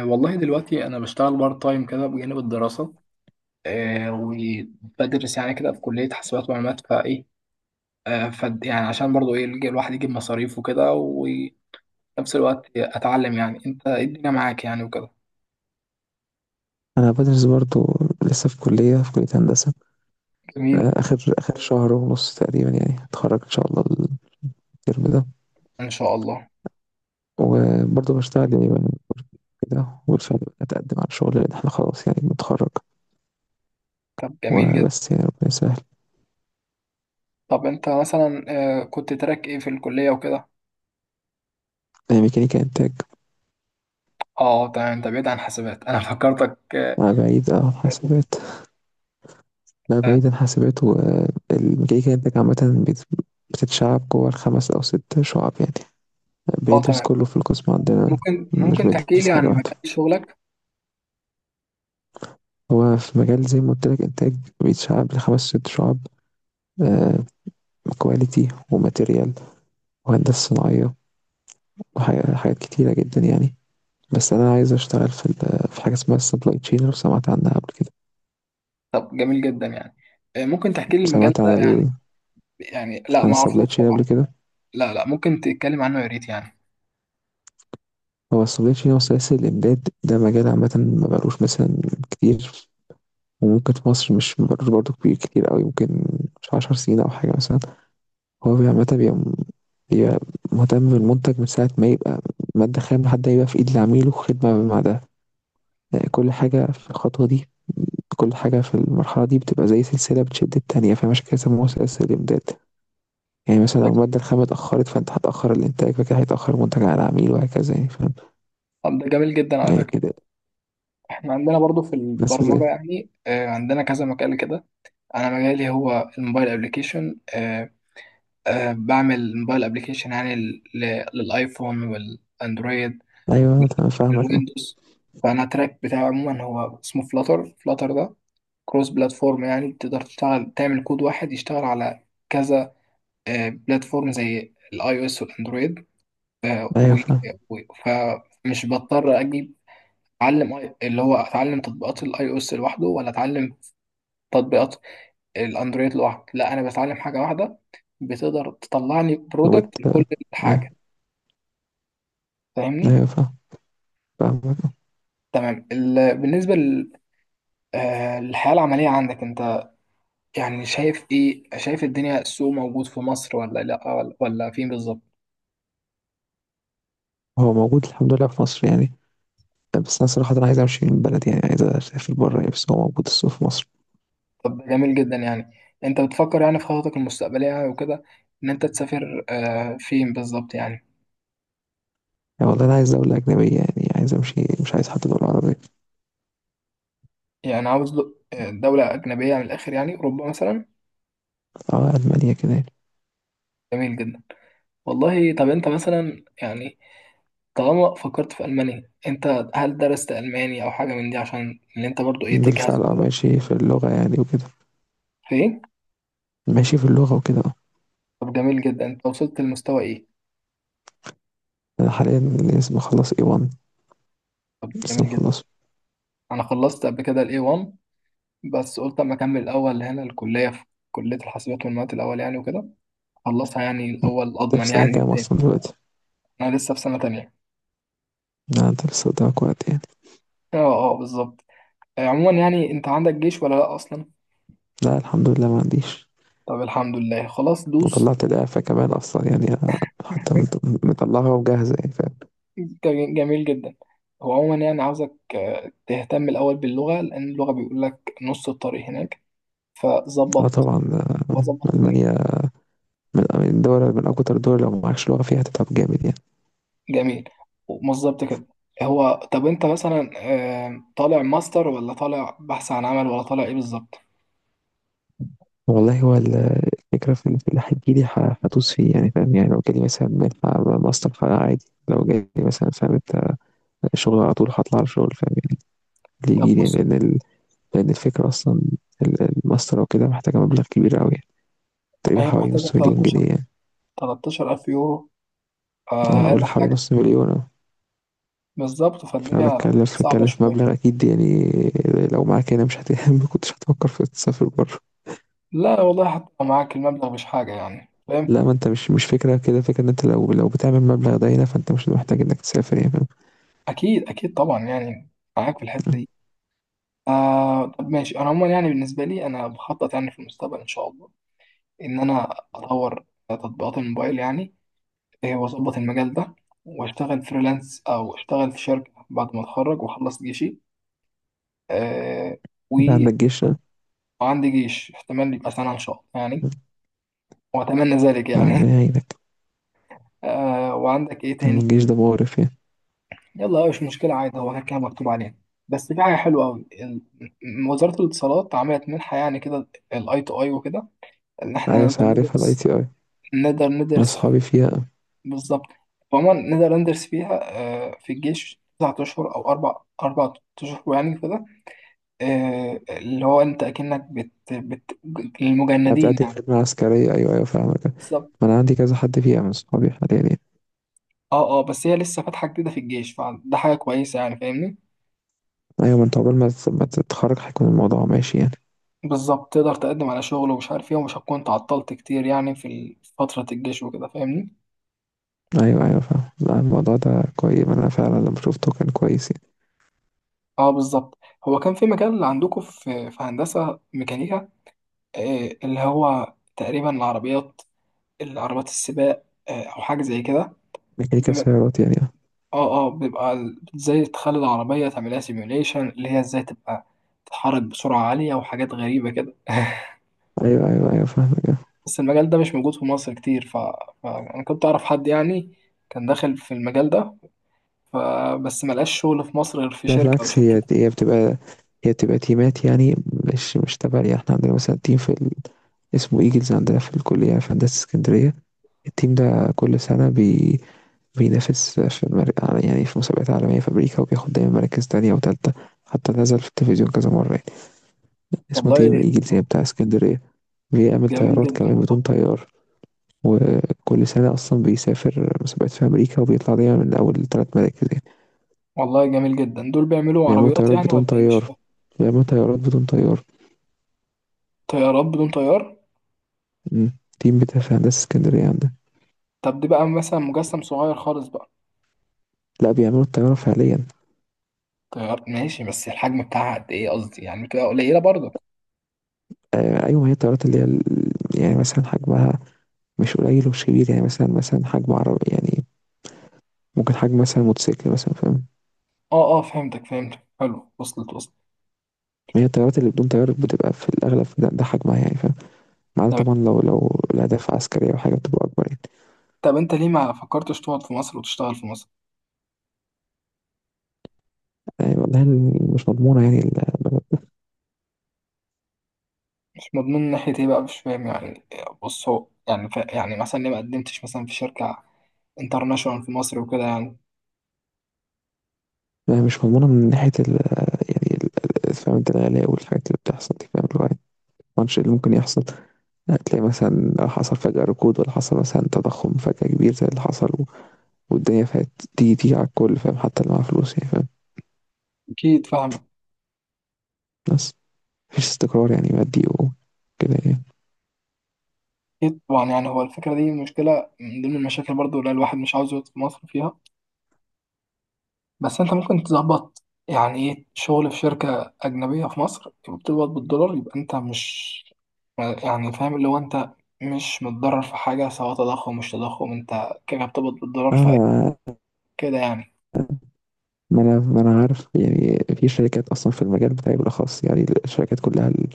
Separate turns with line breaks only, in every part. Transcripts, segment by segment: والله دلوقتي انا بشتغل بارت تايم كده بجانب الدراسه. آه. وبدرس يعني كده في كليه حاسبات ومعلومات فايه. آه ف يعني عشان برضو ايه الواحد يجيب مصاريف وكده، وفي نفس الوقت اتعلم يعني انت إيه الدنيا معاك يعني وكده.
انا بدرس برضو، لسه في كلية هندسة. آه،
جميل.
اخر شهر ونص تقريبا يعني هتخرج ان شاء الله الترم ده.
ان شاء الله.
وبرضو بشتغل يعني من كده، وبالفعل اتقدم على شغل لان احنا خلاص يعني بنتخرج.
طب جميل جدا.
وبس يعني ربنا يسهل.
طب انت مثلا آه كنت تراك ايه في الكليه وكده.
آه، ميكانيكا انتاج.
اه تمام، انت بعيد عن حاسبات انا فكرتك آه
مع بعيد اه عن
حاسبات وكده.
حاسبات. لا
اه
بعيد عن حاسبات، والميكانيكا انتاج عامة بتتشعب جوه الخمس او ست شعب يعني. بندرس
تمام.
كله في القسم عندنا،
ممكن
مش
ممكن تحكي
بندرس
لي عن
حاجة واحدة.
مجال شغلك.
هو في مجال زي ما قلت لك إنتاج بيتشعب لخمس ست شعب: كواليتي، وماتيريال، وهندسة صناعية، وحاجات حاجات كتيرة جدا يعني. بس أنا عايز أشتغل في في حاجة اسمها السبلاي تشين، لو سمعت عنها قبل كده.
طب جميل جدا يعني. ممكن تحكي لي المجال
سمعت
ده
عن
يعني. يعني لا
عن
ما اعرفوش
السبلاي تشين قبل
بصراحه.
كده؟
لا لا، ممكن تتكلم عنه يا ريت يعني.
هو السبلاي تشين هو سلاسل الإمداد. ده مجال عامة ما بقالوش مثلا كتير، وممكن في مصر مش مبقالوش برضه كبير كتير أوي، ممكن مش عشر سنين أو حاجة مثلا. هو عامة بيبقى مهتم بالمنتج من ساعة ما يبقى مادة خام لحد ما يبقى في إيد العميل، وخدمة بعدها. كل حاجة في الخطوة دي، كل حاجة في المرحلة دي بتبقى زي سلسلة بتشد التانية، فعشان كده سموها سلاسل الإمداد. يعني مثلا لو المادة الخام اتأخرت، فأنت هتأخر الإنتاج، فكده هيتأخر المنتج على العميل، وهكذا يعني، فاهم.
طب ده جميل جدا على
يعني
فكره.
كده.
احنا عندنا برضو في
بس زي
البرمجه يعني، عندنا كذا مجال كده. انا مجالي هو الموبايل ابلكيشن. بعمل موبايل ابلكيشن يعني للايفون والاندرويد
أيوه، أنا تمام فاهمك أه.
والويندوز. فانا التراك بتاعي عموما هو اسمه فلاتر. فلاتر ده كروس بلاتفورم، يعني تقدر تشتغل تعمل كود واحد يشتغل على كذا بلاتفورم زي الاي او اس والاندرويد.
أيوه
و...
فاهم.
و... فمش بضطر اجيب اتعلم اللي هو اتعلم تطبيقات الاي او اس لوحده ولا اتعلم تطبيقات الاندرويد لوحده. لا انا بتعلم حاجه واحده بتقدر تطلع لي
وبت
برودكت
آه،
لكل
أه،
حاجه.
أيوه
فاهمني؟
فاهم. فاهمك أه.
تمام. بالنسبه لل... آه، للحياه العمليه عندك انت، يعني شايف ايه، شايف الدنيا، السوق موجود في مصر ولا لا ولا فين بالظبط؟
هو موجود الحمد لله في مصر يعني، بس أنا صراحة أنا عايز أمشي من البلد يعني، عايز أسافر بره يعني، بس هو موجود السوق في مصر.
طب جميل جدا يعني. انت بتفكر يعني في خططك المستقبليه وكده ان انت تسافر، فين بالظبط يعني؟
يعني والله أنا عايز دولة أجنبية يعني، عايز أمشي، مش عايز حتى دولة عربية.
يعني عاوز دولة أجنبية من الآخر، يعني أوروبا مثلا.
أه ألمانيا كده يعني.
جميل جدا والله. طب أنت مثلا يعني، طالما فكرت في ألمانيا أنت هل درست ألماني أو حاجة من دي عشان اللي أنت برضو إيه تجهز
بالفعل أه
وكده؟
ماشي في اللغة يعني وكده.
في إيه؟
ماشي في اللغة وكده آه.
طب جميل جدا. أنت وصلت لمستوى إيه؟
أنا حاليا لسه مخلص A1.
طب ده
لسه
جميل جدا.
مخلصه.
أنا خلصت قبل كده ال A1، بس قلت أما أكمل الأول هنا الكلية، في كلية الحاسبات والمعلومات الأول يعني وكده. خلصها يعني
مم.
الأول
أنت في
أضمن
سنة
يعني
كام
التاني.
أصلا دلوقتي؟
أنا لسه في سنة تانية.
لا أنت لسه قدامك وقت يعني.
أه أه بالظبط. عموما يعني أنت عندك جيش ولا لأ أصلا؟
لا الحمد لله ما عنديش.
طب الحمد لله، خلاص دوس.
وطلعت الإعفاء كمان أصلا يعني، أنا حتى مطلعها وجاهزة يعني فاهم.
جميل، جميل جدا. هو عموما يعني عاوزك تهتم الأول باللغة، لأن اللغة بيقول لك نص الطريق هناك.
اه
فظبط.
طبعا
ظبط
آه،
الدنيا.
ألمانيا من الدول، من أكتر الدول لو معكش لغة فيها هتتعب جامد يعني.
جميل. ومظبط كده. هو طب أنت مثلا طالع ماستر ولا طالع بحث عن عمل ولا طالع إيه بالظبط؟
والله هو الفكرة في اللي هتجيلي هدوس فيه يعني، فاهم يعني، لو جالي مثلا منحة ماستر فأنا عادي، لو جالي مثلا، فاهم أنت، شغل على طول هطلع على شغل فاهم يعني. اللي
طب
يجيلي يعني،
بص،
لأن، لأن الفكرة أصلا الماستر وكده محتاجة مبلغ كبير أوي، تقريبا
هي
حوالي
محتاجة
نص مليون
13،
جنيه يعني.
13 ألف يورو
أنا
أقل
أقول حوالي
حاجة.
نص مليون أهو.
بالظبط
فأنا
فالدنيا
بتكلف
صعبة
بتكلف
شوية.
مبلغ أكيد يعني. لو معاك هنا مش ما كنتش هتفكر في تسافر بره.
لا والله، حتى لو معاك المبلغ مش حاجة يعني.
لا ما انت مش فكرة كده، فكرة ان انت لو بتعمل مبلغ ده هنا فانت مش محتاج انك تسافر يعني، فاهم؟
اكيد طبعا يعني. معاك في الحته دي. طب ماشي، انا عموما يعني بالنسبه لي انا بخطط يعني في المستقبل ان شاء الله ان انا اطور تطبيقات الموبايل يعني. واظبط المجال ده واشتغل فريلانس او اشتغل في شركه بعد ما اتخرج واخلص جيشي. آه
انت
و-
عندك جيش ها؟
وعندي جيش، احتمال يبقى سنه ان شاء الله يعني. واتمنى ذلك يعني.
ربنا يعينك.
وعندك ايه تاني؟
الجيش ده مقرف يعني.
يلا مش مشكلة عادي، هو كده كده مكتوب عليها. بس في حاجة حلوة أوي، وزارة الاتصالات عملت منحة يعني كده، الأي تو أي وكده، إن
ايوه
إحنا
بس عارفها الاي تي اي،
نقدر
انا
ندرس فيه.
اصحابي فيها.
بالظبط. عموما نقدر ندرس فيها. في الجيش 9 أشهر أو أربع أشهر يعني كده. اللي هو أنت أكنك بت للمجندين
بتأدي
يعني.
خدمة عسكرية، ايوه ايوه فاهمك.
بالظبط.
ما انا عندي كذا حد فيها من اصحابي حاليا يعني.
أه أه بس هي لسه فاتحة جديدة في الجيش، فده حاجة كويسة يعني فاهمني.
ايوه، ما انت عقبال ما ما تتخرج هيكون الموضوع ماشي يعني.
بالظبط، تقدر تقدم على شغل ومش عارف ايه ومش هتكون تعطلت كتير يعني في فترة الجيش وكده فاهمني.
ايوه ايوه فاهم، لا الموضوع ده كويس، انا فعلا لما شفته كان كويس يعني.
اه بالظبط. هو كان في مجال عندكم في هندسة ميكانيكا، اللي هو تقريبا العربيات. العربيات السباق او حاجة زي كده. في
ميكانيكا
م-
سيارات يعني آه.
اه اه بيبقى ازاي تخلي العربية تعملها سيميوليشن، اللي هي ازاي تبقى تتحرك بسرعة عالية وحاجات غريبة كده
ايوه ايوه ايوه فاهمك آه.
بس المجال ده مش موجود في مصر كتير، فأنا كنت أعرف حد يعني كان داخل في المجال ده، فبس ملقاش شغل في مصر غير في
لا
شركة أو
بالعكس،
شركة.
هي بتبقى، هي بتبقى تيمات يعني، مش تبع يعني. احنا عندنا مثلا تيم في اسمه ايجلز عندنا في الكلية في هندسة اسكندرية. التيم ده كل سنة بينافس في يعني في مسابقات عالمية في أمريكا، وبياخد دايما مراكز تانية وتالتة، حتى نزل في التلفزيون كذا مرة يعني. اسمه
والله
تيم ايجلز، هي بتاع اسكندرية. بيعمل
جميل
طيارات
جدا
كمان
والله.
بدون طيار. وكل سنة أصلا بيسافر مسابقات في أمريكا وبيطلع دايما من أول تلات مراكز يعني.
والله جميل جدا، دول بيعملوا
بيعملوا
عربيات
طيارات
يعني
بدون
ولا إيه؟ مش
طيار،
فاهم.
بيعملوا طيارات بدون طيار.
طيارات بدون طيار؟
مم. تيم بتاع في هندسة اسكندرية عندنا.
طب دي بقى مثلا مجسم صغير خالص بقى؟
لا بيعملوا الطيارة فعليا.
طيار ماشي، بس الحجم بتاعها قد إيه، قصدي يعني بتبقى قليلة برضك؟
آه أيوة، ما هي الطيارات اللي هي يعني مثلا حجمها مش قليل ومش كبير يعني، مثلا حجم عربي يعني، ممكن حجم مثلا موتوسيكل مثلا، فاهم.
أه أه فهمتك حلو، وصلت.
ما هي الطيارات اللي بدون طيار بتبقى في الأغلب ده حجمها يعني، فاهم. ما عدا
تمام.
طبعا لو الأهداف عسكرية أو حاجة بتبقى أكبر يعني.
طب أنت ليه ما فكرتش تقعد في مصر وتشتغل في مصر؟
يعني والله مش مضمونة يعني
مش مضمون من ناحية إيه بقى، مش فاهم يعني؟ بص، هو يعني يعني مثلا ليه ما قدمتش مثلا في شركة انترناشونال في مصر وكده يعني؟
مش مضمونة من ناحية ال. يعني فاهم انت الغلاء والحاجات اللي بتحصل دي، فاهم، اللي هو يعني الماتش اللي ممكن يحصل. هتلاقي مثلا حصل فجأة ركود، ولا حصل مثلا تضخم فجأة كبير زي اللي حصل والدنيا فات. دي على الكل فاهم، حتى اللي معاه فلوس يعني فاهم.
أكيد فاهم.
بس مفيش استقرار يعني مادي وكده يعني.
أكيد طبعا يعني، هو الفكرة دي مشكلة من ضمن المشاكل برضو اللي الواحد مش عاوز يقعد في مصر فيها. بس أنت ممكن تظبط يعني إيه شغل في شركة أجنبية في مصر، يبقى بتقبض بالدولار، يبقى أنت مش يعني، فاهم اللي هو أنت مش متضرر في حاجة، سواء تضخم مش تضخم أنت كده بتقبض بالدولار.
أنا
فكده يعني.
ما أنا ما أنا عارف يعني، في شركات أصلا في المجال بتاعي بالأخص يعني. الشركات كلها ال-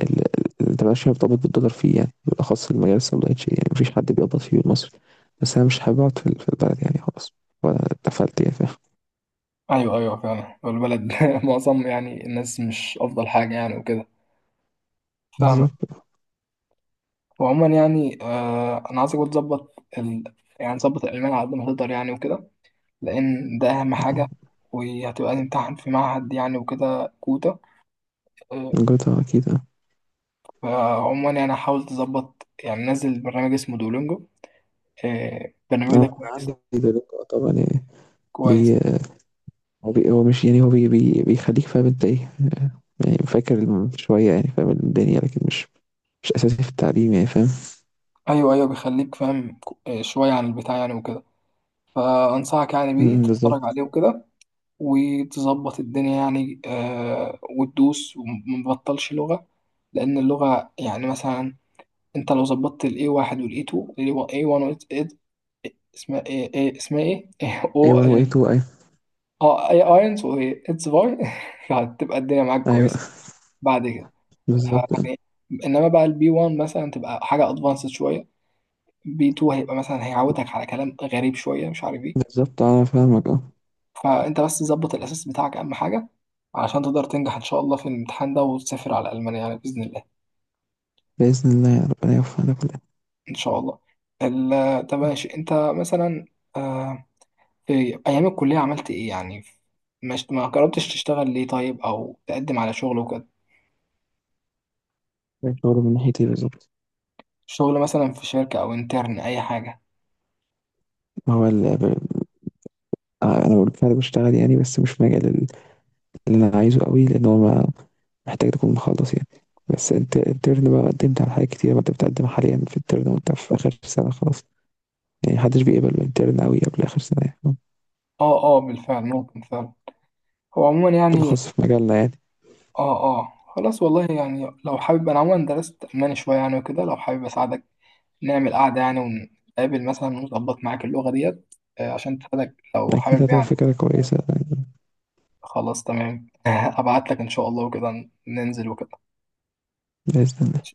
ده مبقاش مرتبط بالدولار فيه يعني، بالأخص المجال السوداء شيء يعني، مفيش حد بيقبض فيه المصري. بس أنا مش حابب أقعد في في البلد يعني خلاص، وأنا اتقفلت يا فاهم.
أيوه فعلا، والبلد معظم يعني الناس مش أفضل حاجة يعني وكده. فاهمك.
بالظبط
وعموما يعني أنا عايزك بقى تظبط يعني تظبط الألمان على قد ما تقدر يعني وكده، لأن ده أهم حاجة.
آه.
وهتبقى تمتحن في معهد يعني وكده كوتا، آه،
جوتا أكيد أه.
فعموما يعني حاول تظبط، يعني نزل برنامج اسمه دولينجو.
آه،
البرنامج ده
أنا
كويس.
عندي دلوقتي طبعا يعني.
كويس.
بي بي هو مش يعني، هو بي بيخليك فاهم أنت إيه آه، يعني فاكر شوية يعني، فاهم الدنيا لكن مش أساسي في التعليم يعني فاهم.
أيوه بيخليك فاهم شوية عن البتاع يعني وكده، فأنصحك يعني بيه
أمم،
تتفرج عليه
بالظبط.
وكده وتظبط الدنيا يعني. وتدوس ومبطلش لغة، لأن اللغة يعني مثلا انت لو ظبطت ال A1 وال A2 ال A1 وال A اسمها ايه، اسمها ايه او
A1 و
اه،
A2 أيوة.
اي اينز و اتس فاي هتبقى الدنيا معاك
أيوة
كويسه بعد كده.
بالظبط
فيعني انما بقى البي 1 مثلا تبقى حاجه ادفانسد شويه، بي 2 هيبقى مثلا هيعودك على كلام غريب شويه مش عارف ايه.
بالظبط، أنا فاهمك أه.
فانت بس ظبط الاساس بتاعك، اهم حاجه عشان تقدر تنجح ان شاء الله في الامتحان ده وتسافر على المانيا يعني باذن الله.
بإذن الله يا ربنا يوفقنا كلنا.
ان شاء الله. طب ماشي، انت مثلا آه، في أيام الكلية عملت إيه يعني؟ مش ما جربتش تشتغل ليه طيب، أو تقدم على شغل وكده،
شغل من ناحيتي بالظبط.
شغل مثلا في شركة أو انترن أي حاجة؟
ما هو آه، انا بالفعل بشتغل يعني، بس مش في مجال اللي انا عايزه قوي، لان هو محتاج تكون مخلص يعني. بس انت الترن بقى قدمت على حاجات كتير، ما انت بتقدم حاليا في الترن وانت في اخر سنه خلاص يعني، محدش بيقبل بالترن قوي قبل اخر سنه يعني،
أه أه بالفعل ممكن فعلا. هو عموما يعني.
بالخاص في مجالنا يعني.
أه أه خلاص والله يعني لو حابب، أنا عموما درست ألماني شوية يعني وكده، لو حابب أساعدك، نعمل قعدة يعني ونتقابل مثلا ونظبط معاك اللغة ديت عشان تساعدك لو
اكيد
حابب
هتبقى
يعني.
فكره كويسه يعني،
خلاص تمام. أبعت لك إن شاء الله وكده ننزل وكده.
باذن الله